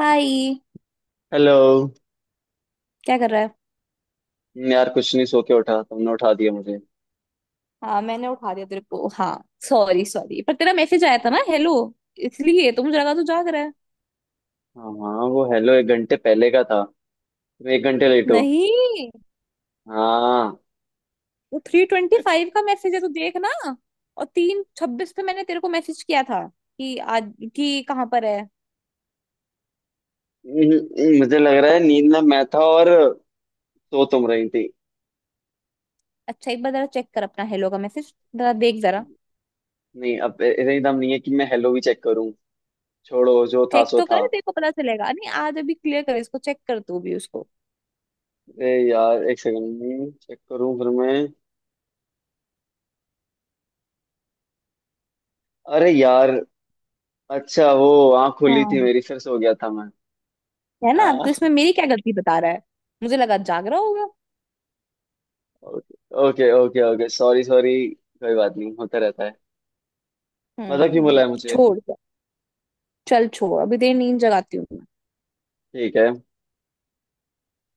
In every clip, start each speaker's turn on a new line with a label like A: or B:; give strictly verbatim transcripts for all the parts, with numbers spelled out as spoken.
A: हाय।
B: Hello.
A: क्या कर रहा है।
B: हम्म, यार कुछ नहीं, सो के उठा, तुमने उठा दिया मुझे।
A: हाँ, मैंने उठा दिया तेरे को, हाँ। सॉरी सॉरी, पर तेरा मैसेज आया था ना, हेलो। इसलिए तो मुझे लगा तू जाग रहा है।
B: हाँ हाँ, वो हेलो एक घंटे पहले का था। तुम एक घंटे लेट हो।
A: नहीं।
B: हाँ।
A: वो थ्री ट्वेंटी फाइव का मैसेज है, तू देख ना। और तीन छब्बीस पे मैंने तेरे को मैसेज किया था कि आज कि कहाँ पर है।
B: हम्म, मुझे लग रहा है नींद में मैं था, और सो तुम रही थी।
A: अच्छा, एक बार जरा चेक कर अपना हेलो का मैसेज, जरा देख जरा।
B: नहीं, अब इतनी दम नहीं है कि मैं हेलो भी चेक करूं। छोड़ो, जो था
A: चेक
B: सो
A: तो कर,
B: था।
A: देखो पता चलेगा, नहीं आज अभी क्लियर कर इसको, चेक कर तू भी उसको।
B: अरे यार, एक सेकंड चेक करूं फिर मैं। अरे यार। अच्छा, वो आँख खुली थी
A: हाँ,
B: मेरी, फिर सो गया था मैं।
A: है ना,
B: आ,
A: तो इसमें मेरी क्या गलती बता रहा है। मुझे लगा जाग रहा होगा।
B: Okay okay okay, sorry sorry, कोई बात नहीं, होता रहता है। मतलब क्यों
A: हम्म।
B: बोला है मुझे।
A: छोड़। चल छोड़, अभी तेरी नींद जगाती हूँ मैं।
B: ठीक है।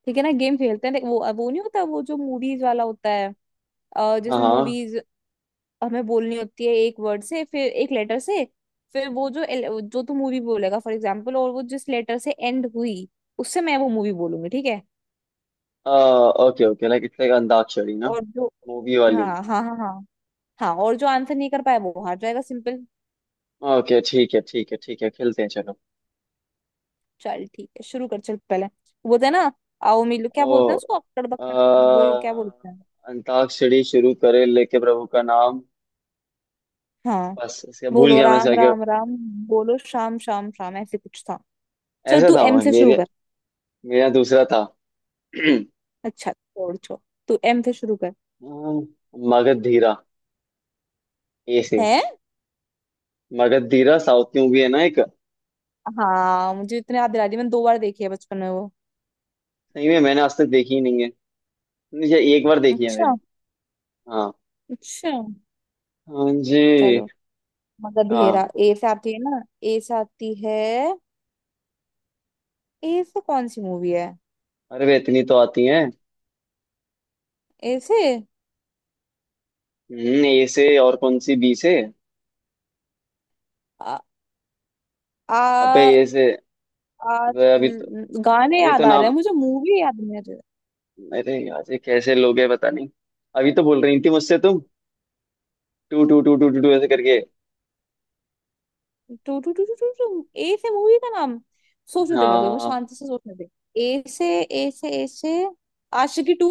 A: ठीक है ना, गेम खेलते हैं देख, वो वो नहीं होता, वो जो मूवीज वाला होता है। अ,
B: हाँ
A: जिसमें
B: हाँ।
A: मूवीज हमें बोलनी होती है एक वर्ड से, फिर एक लेटर से। फिर वो जो एल- जो तू मूवी बोलेगा फॉर एग्जाम्पल, और वो जिस लेटर से एंड हुई, उससे मैं वो मूवी बोलूंगी, ठीक है।
B: Okay okay, like it's like antakshari ना।
A: और जो।
B: मूवी वाली।
A: हाँ, हाँ, हाँ, हाँ, हाँ। और जो आंसर नहीं कर पाया वो हार जाएगा, सिंपल।
B: ओके, ठीक है ठीक है ठीक है, खेलते हैं चलो।
A: चल ठीक है, शुरू कर चल, पहले वो बोलते हैं ना। आओ मिलो, क्या
B: ओ।
A: बोलते हैं उसको, अक्कड़
B: अ,
A: बक्कड़। वो क्या बोलते हैं।
B: अंताक्षरी शुरू करे लेके प्रभु का नाम।
A: हाँ,
B: बस इसका भूल
A: बोलो
B: गया मैं,
A: राम
B: इसका क्या।
A: राम राम। बोलो शाम शाम शाम, ऐसे कुछ था। चल
B: ऐसा
A: तू
B: था
A: एम
B: वो,
A: से शुरू
B: मेरे
A: कर।
B: मेरा दूसरा था।
A: अच्छा, छोड़ छोड़। तू एम से शुरू कर।
B: मगध धीरा। ए से।
A: है।
B: मगध धीरा साउथ की मूवी है ना एक।
A: हाँ, मुझे इतने याद दिला दी, मैंने दो बार देखी है बचपन में वो।
B: सही में मैंने आज तक देखी ही नहीं है। मुझे एक बार देखी है
A: अच्छा।
B: मेरी। हाँ।
A: अच्छा।
B: हाँ जी।
A: चलो। मगध
B: हाँ।
A: हेरा ए से आती है ना। ए से आती है। ए से कौन सी मूवी है।
B: अरे वे, इतनी तो आती है।
A: ए से।
B: हम्म ए से और कौन सी, बी से?
A: आ,
B: अबे
A: आ,
B: ए से।
A: आ,
B: अभी तो।
A: गाने
B: अभी
A: याद
B: तो
A: आ रहे हैं
B: नाम।
A: मुझे, मूवी याद नहीं आ रही।
B: अरे यार, ये कैसे लोग है पता नहीं। अभी तो बोल रही थी मुझसे तुम। टू टू टू टू टू टू ऐसे करके।
A: टू टू टू टू टू टू ए से मूवी का नाम। सोचने दे मेरे को एक बार,
B: हाँ।
A: शांति से सोचने दे। ए से, ए से, ए से। आशिकी टू।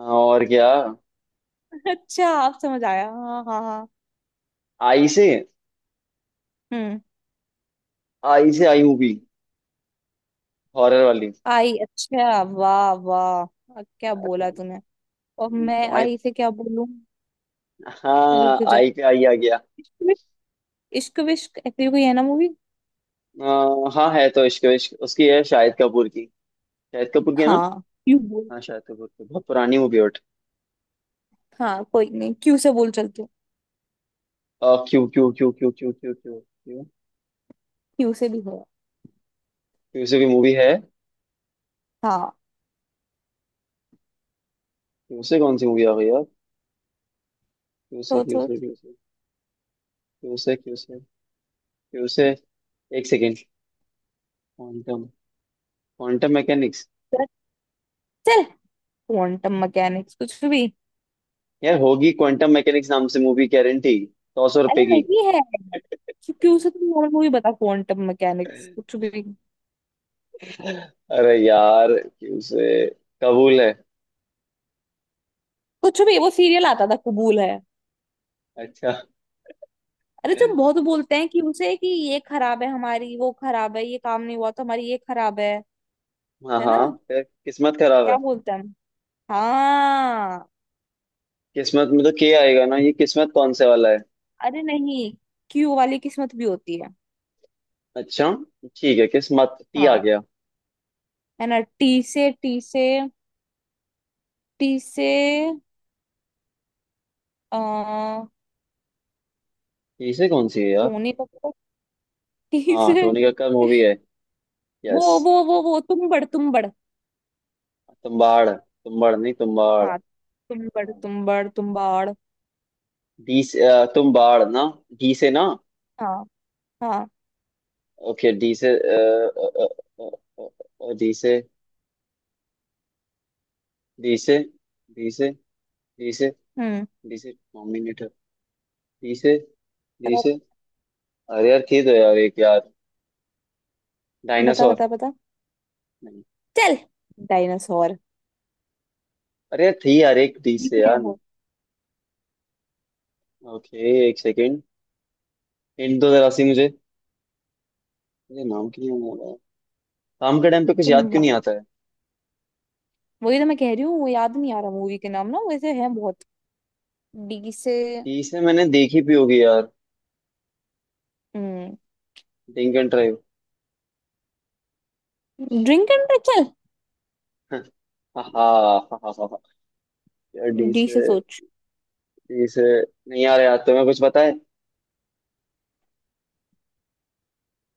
B: हाँ, और क्या।
A: अच्छा आप, समझ आया, हाँ हाँ हाँ।
B: आई से।
A: हम्म।
B: आई से आई मूवी। हॉरर वाली।
A: आई, अच्छा, वाह वाह। अब क्या
B: यार,
A: बोला
B: thank
A: तूने। और
B: you,
A: मैं
B: तो आई।
A: आई से क्या बोलूं।
B: हाँ
A: रुक जा।
B: आई पे आई आ गया।
A: इश्क विश्क। इश्क विश्क, ऐसी कोई है ना मूवी।
B: अ, हाँ है तो, इश्क इश्क उसकी है शाहिद कपूर की। शाहिद कपूर की है ना।
A: हाँ, क्यों बोल।
B: हाँ, शाहिद कपूर की बहुत पुरानी मूवी है।
A: हाँ, कोई नहीं, क्यू से बोल चलती हूँ।
B: Q Q Q Q Q Q Q Q.
A: Q से भी हो।
B: क्यू से भी मूवी है।
A: हाँ।
B: क्यूसे कौन सी मूवी आ गई यार। क्यूसे
A: तो तो।
B: क्यूसे क्यूसे। क्यूसे क्यूसे। क्यूसे। एक सेकेंड। क्वांटम। Quantum mechanics.
A: चल। क्वांटम मैकेनिक्स कुछ भी।
B: यार होगी क्वांटम मैकेनिक्स नाम से मूवी, गारंटी। सौ सौ
A: अरे
B: रुपए की।
A: नहीं है। क्योंकि उसे तुम और मूवी बता, क्वांटम मैकेनिक्स कुछ भी।
B: अरे यार क्यूसे। कबूल है।
A: कुछ भी, वो सीरियल आता था कबूल है।
B: अच्छा।
A: अरे तुम बहुत बोलते हैं कि उसे कि ये खराब है, हमारी वो खराब है, ये काम नहीं हुआ तो हमारी ये खराब है।
B: हाँ
A: है
B: हाँ,
A: ना।
B: फिर किस्मत खराब
A: क्या
B: है।
A: बोलते हैं हम? हाँ।
B: किस्मत में तो के आएगा ना, ये किस्मत कौन से वाला है?
A: अरे नहीं। क्यू वाली किस्मत भी होती है।
B: अच्छा। ठीक है, किस्मत, टी आ
A: हाँ।
B: गया।
A: है ना, टी से, टी से। टी से। अ
B: टी से कौन सी है यार।
A: टोनी कपूर। टी
B: हाँ,
A: से।
B: टोनी कक्कड़ मूवी है।
A: वो
B: यस।
A: वो वो वो तुम बड़ तुम बड़।
B: तुम्बाड़ तुम्बाड़ नहीं तुम्बाड़।
A: हाँ, तुम बड़ तुम बड़ तुम बाड़।
B: डी से, अ, तुम बाढ़ ना। डी से ना।
A: हाँ। हाँ।
B: ओके, डी से। डी से। डी से। डी से। डी से।
A: हम्म।
B: डी से डोमिनेटर। डी से। डी
A: बता
B: से। अरे यार थी तो यार एक यार।
A: बता
B: डायनासोर।
A: बता। बता।
B: नहीं।
A: चल। डायनासोर।
B: अरे यार थी यार एक डी से
A: दिखा है
B: यार।
A: वो।
B: ओके। एक सेकेंड। हिंट दो जरा सी मुझे। मुझे नाम क्यों नहीं आ रहा है? काम के टाइम पे कुछ याद
A: तुम
B: क्यों नहीं
A: बाल।
B: आता है।
A: वही तो मैं कह रही हूँ, वो याद नहीं आ रहा मूवी के नाम ना, वैसे है बहुत। डी से।
B: डी से मैंने देखी भी होगी यार। Drink and drive.
A: Drink and चल।
B: हाँ हाँ हाँ हाँ हाँ। यार डी
A: डी से
B: से।
A: सोच।
B: जैसे। नहीं आ रहा याद, तो मैं कुछ बताए।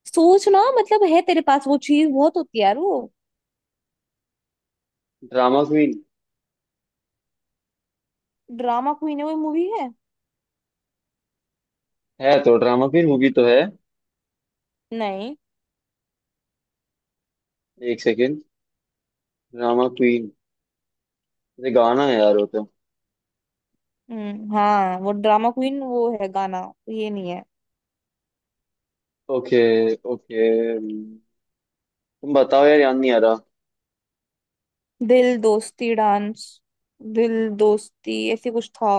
A: सोच ना, मतलब है तेरे पास वो चीज बहुत होती है यार वो।
B: Drama queen.
A: ड्रामा क्वीन है, वो मूवी है।
B: है तो ड्रामा क्वीन मूवी तो है।
A: नहीं।
B: एक सेकेंड। Drama queen. ये गाना है यार वो तो।
A: हम्म, हाँ, वो ड्रामा क्वीन वो है गाना। ये नहीं है।
B: ओके। ओके। तुम। बताओ यार, याद नहीं आ रहा।
A: दिल दोस्ती डांस। दिल दोस्ती ऐसे कुछ था।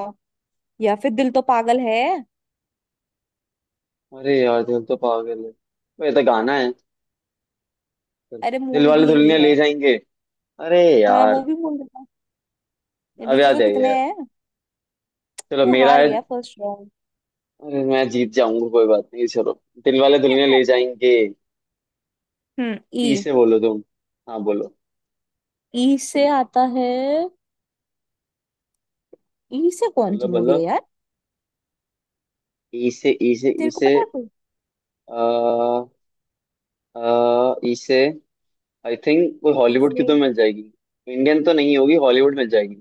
A: या फिर दिल तो पागल है।
B: अरे यार, दिल तो पागल है वो, ये तो गाना है।
A: अरे
B: दिल
A: मूवी भी
B: वाले
A: यही
B: दुल्हनिया
A: है।
B: ले जाएंगे। अरे
A: हाँ, वो
B: यार।
A: भी बोल रहा था।
B: अब
A: डी से तो
B: याद आई
A: कितने
B: यार।
A: हैं।
B: चलो
A: तू
B: मेरा
A: हार
B: है।
A: गया फर्स्ट राउंड।
B: अरे मैं जीत जाऊंगा, कोई बात नहीं, चलो। दिल वाले दुल्हनिया ले जाएंगे।
A: हम्म,
B: ई
A: ई।
B: से बोलो तुम। हाँ बोलो।
A: ई से आता है। ई से कौन सी
B: बोलो
A: मूवी
B: बोलो।
A: है यार।
B: ई से ई से ई
A: तेरे को
B: से।
A: पता है कोई।
B: अह, इसे। आई थिंक वो
A: ई
B: हॉलीवुड की
A: से।
B: तो मिल जाएगी। इंडियन तो नहीं होगी, हॉलीवुड मिल जाएगी।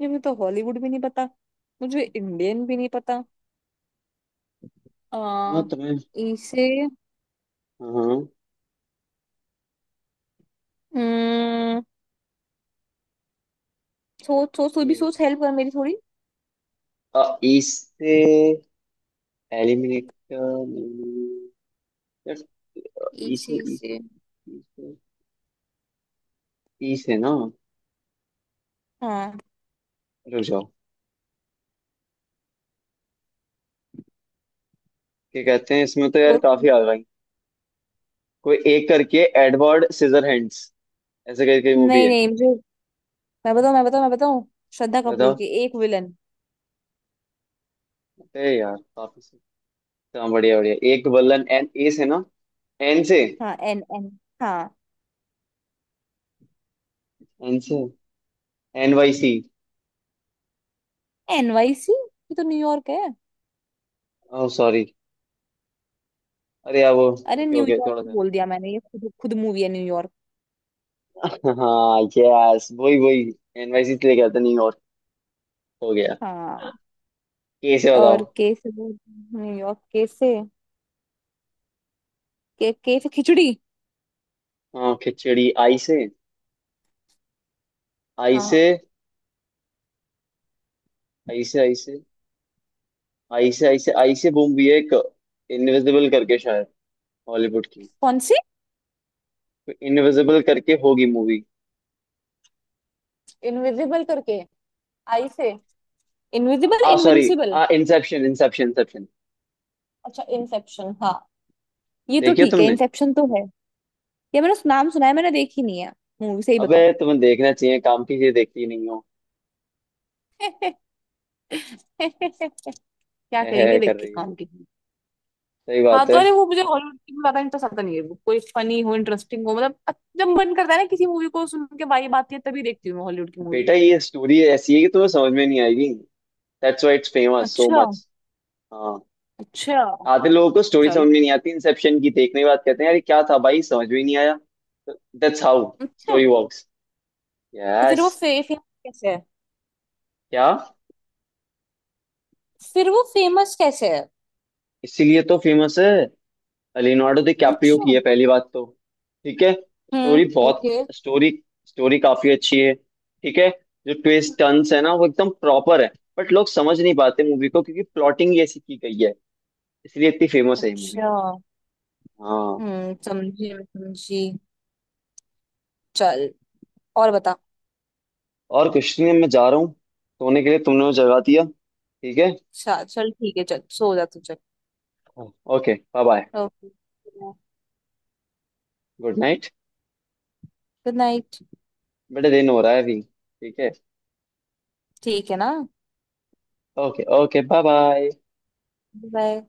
A: ये मुझे तो हॉलीवुड भी नहीं पता। मुझे इंडियन भी नहीं पता। आ,
B: हाँ तुम्हें।
A: ई से।
B: हाँ।
A: हम्म। सोच सोच, तू भी
B: तो।
A: सोच, हेल्प कर मेरी थोड़ी।
B: अह, इसे एलिमिनेट। इसे
A: ई से,
B: इसे।
A: ई से।
B: इसे। इसे ना।
A: हाँ।
B: रुक जाओ। क्या कहते हैं, इसमें तो यार
A: सोच।
B: काफी आ गई। कोई एक करके एडवर्ड सीजर हैंड्स। ऐसे करके मूवी
A: नहीं
B: है।
A: नहीं, मुझे। मैं बताऊँ, मैं बताऊँ, मैं बताऊँ। श्रद्धा कपूर
B: बताओ।
A: की, एक विलन।
B: अरे यार काफी से। हाँ, बढ़िया बढ़िया, एक बल्लन, एन ए से ना। एन से।
A: हाँ, एन एन। हाँ।
B: एन से। एन वाई सी।
A: एन वाई सी, ये तो न्यूयॉर्क है।
B: Oh sorry. अरे यार वो।
A: अरे
B: ओके ओके
A: न्यूयॉर्क
B: थोड़ा सा।
A: बोल दिया मैंने, ये खुद खुद मूवी है, न्यूयॉर्क।
B: हाँ यस, वही वही। एनवाईसी से लेके गया था न्यूयॉर्क। हो गया।
A: हाँ।
B: कैसे बताओ।
A: और के से बोल। न्यूयॉर्क के से। के के से खिचड़ी।
B: हाँ खिचड़ी, आई से। आई से।
A: हाँ।
B: आई से आई से। आई से आई से आई से मूवी है एक। इनविजिबल करके शायद। हॉलीवुड की।
A: कौन सी।
B: तो इनविजिबल करके होगी मूवी।
A: इनविजिबल करके। आई से। इनविजिबल,
B: आ सॉरी।
A: इनविंसिबल।
B: आ इंसेप्शन इंसेप्शन इंसेप्शन।
A: अच्छा, इंसेप्शन, हाँ। ये तो
B: देखिए
A: ठीक है,
B: तुमने।
A: इंसेप्शन तो है। ये मैंने सु- नाम सुना है, मैंने देखी नहीं है। मूवी सही
B: अबे
A: बताऊं।
B: तुम्हें देखना चाहिए, काम की चीज देखती नहीं हो।
A: क्या
B: है, है,
A: करेंगे
B: है
A: देख
B: कर
A: के
B: रही है।
A: काम की।
B: सही
A: हाँ,
B: बात
A: तो
B: है।
A: अरे वो मुझे हॉलीवुड की ज्यादा इंटरेस्ट आता नहीं है, वो कोई फनी हो, इंटरेस्टिंग हो, मतलब अ- जब मन करता है ना किसी मूवी को सुन के वाइब आती है, तभी देखती हूँ मैं हॉलीवुड की मूवी।
B: बेटा ये स्टोरी ऐसी है कि तुम्हें समझ में नहीं आएगी। That's why it's famous so
A: अच्छा।
B: मच। हाँ।
A: अच्छा।
B: आधे लोगों को स्टोरी
A: चलो।
B: समझ में नहीं आती इंसेप्शन की, देखने के बाद कहते हैं यार ये क्या था भाई, समझ में ही नहीं आया। दैट्स हाउ
A: अच्छा,
B: स्टोरी वर्क्स।
A: तो फिर वो
B: यस।
A: फे, फेमस कैसे है।
B: क्या।
A: फिर वो फेमस कैसे है।
B: इसीलिए तो फेमस है। लियोनार्डो डिकैप्रियो
A: अच्छा।
B: की है पहली बात तो। ठीक है।
A: हम्म,
B: स्टोरी बहुत
A: ओके।
B: स्टोरी स्टोरी काफी अच्छी है, ठीक है। जो ट्विस्ट टर्न्स है ना, वो एकदम प्रॉपर है। बट लोग समझ नहीं पाते मूवी को, क्योंकि प्लॉटिंग ही ऐसी की गई है। इसलिए इतनी फेमस है ये मूवी।
A: अच्छा।
B: हाँ।
A: हम्म, समझी, मैं समझी। चल। और बता।
B: और कुछ नहीं, मैं जा रहा हूँ सोने के लिए, तुमने मुझे जगा दिया, ठीक है।
A: चल चल, ठीक है, चल सो जा तू, चल।
B: Okay bye bye.
A: Okay,
B: good night.
A: Good night.
B: बेटा दिन हो रहा है अभी, ठीक है।
A: ठीक है ना।
B: Okay okay, bye bye.
A: Bye.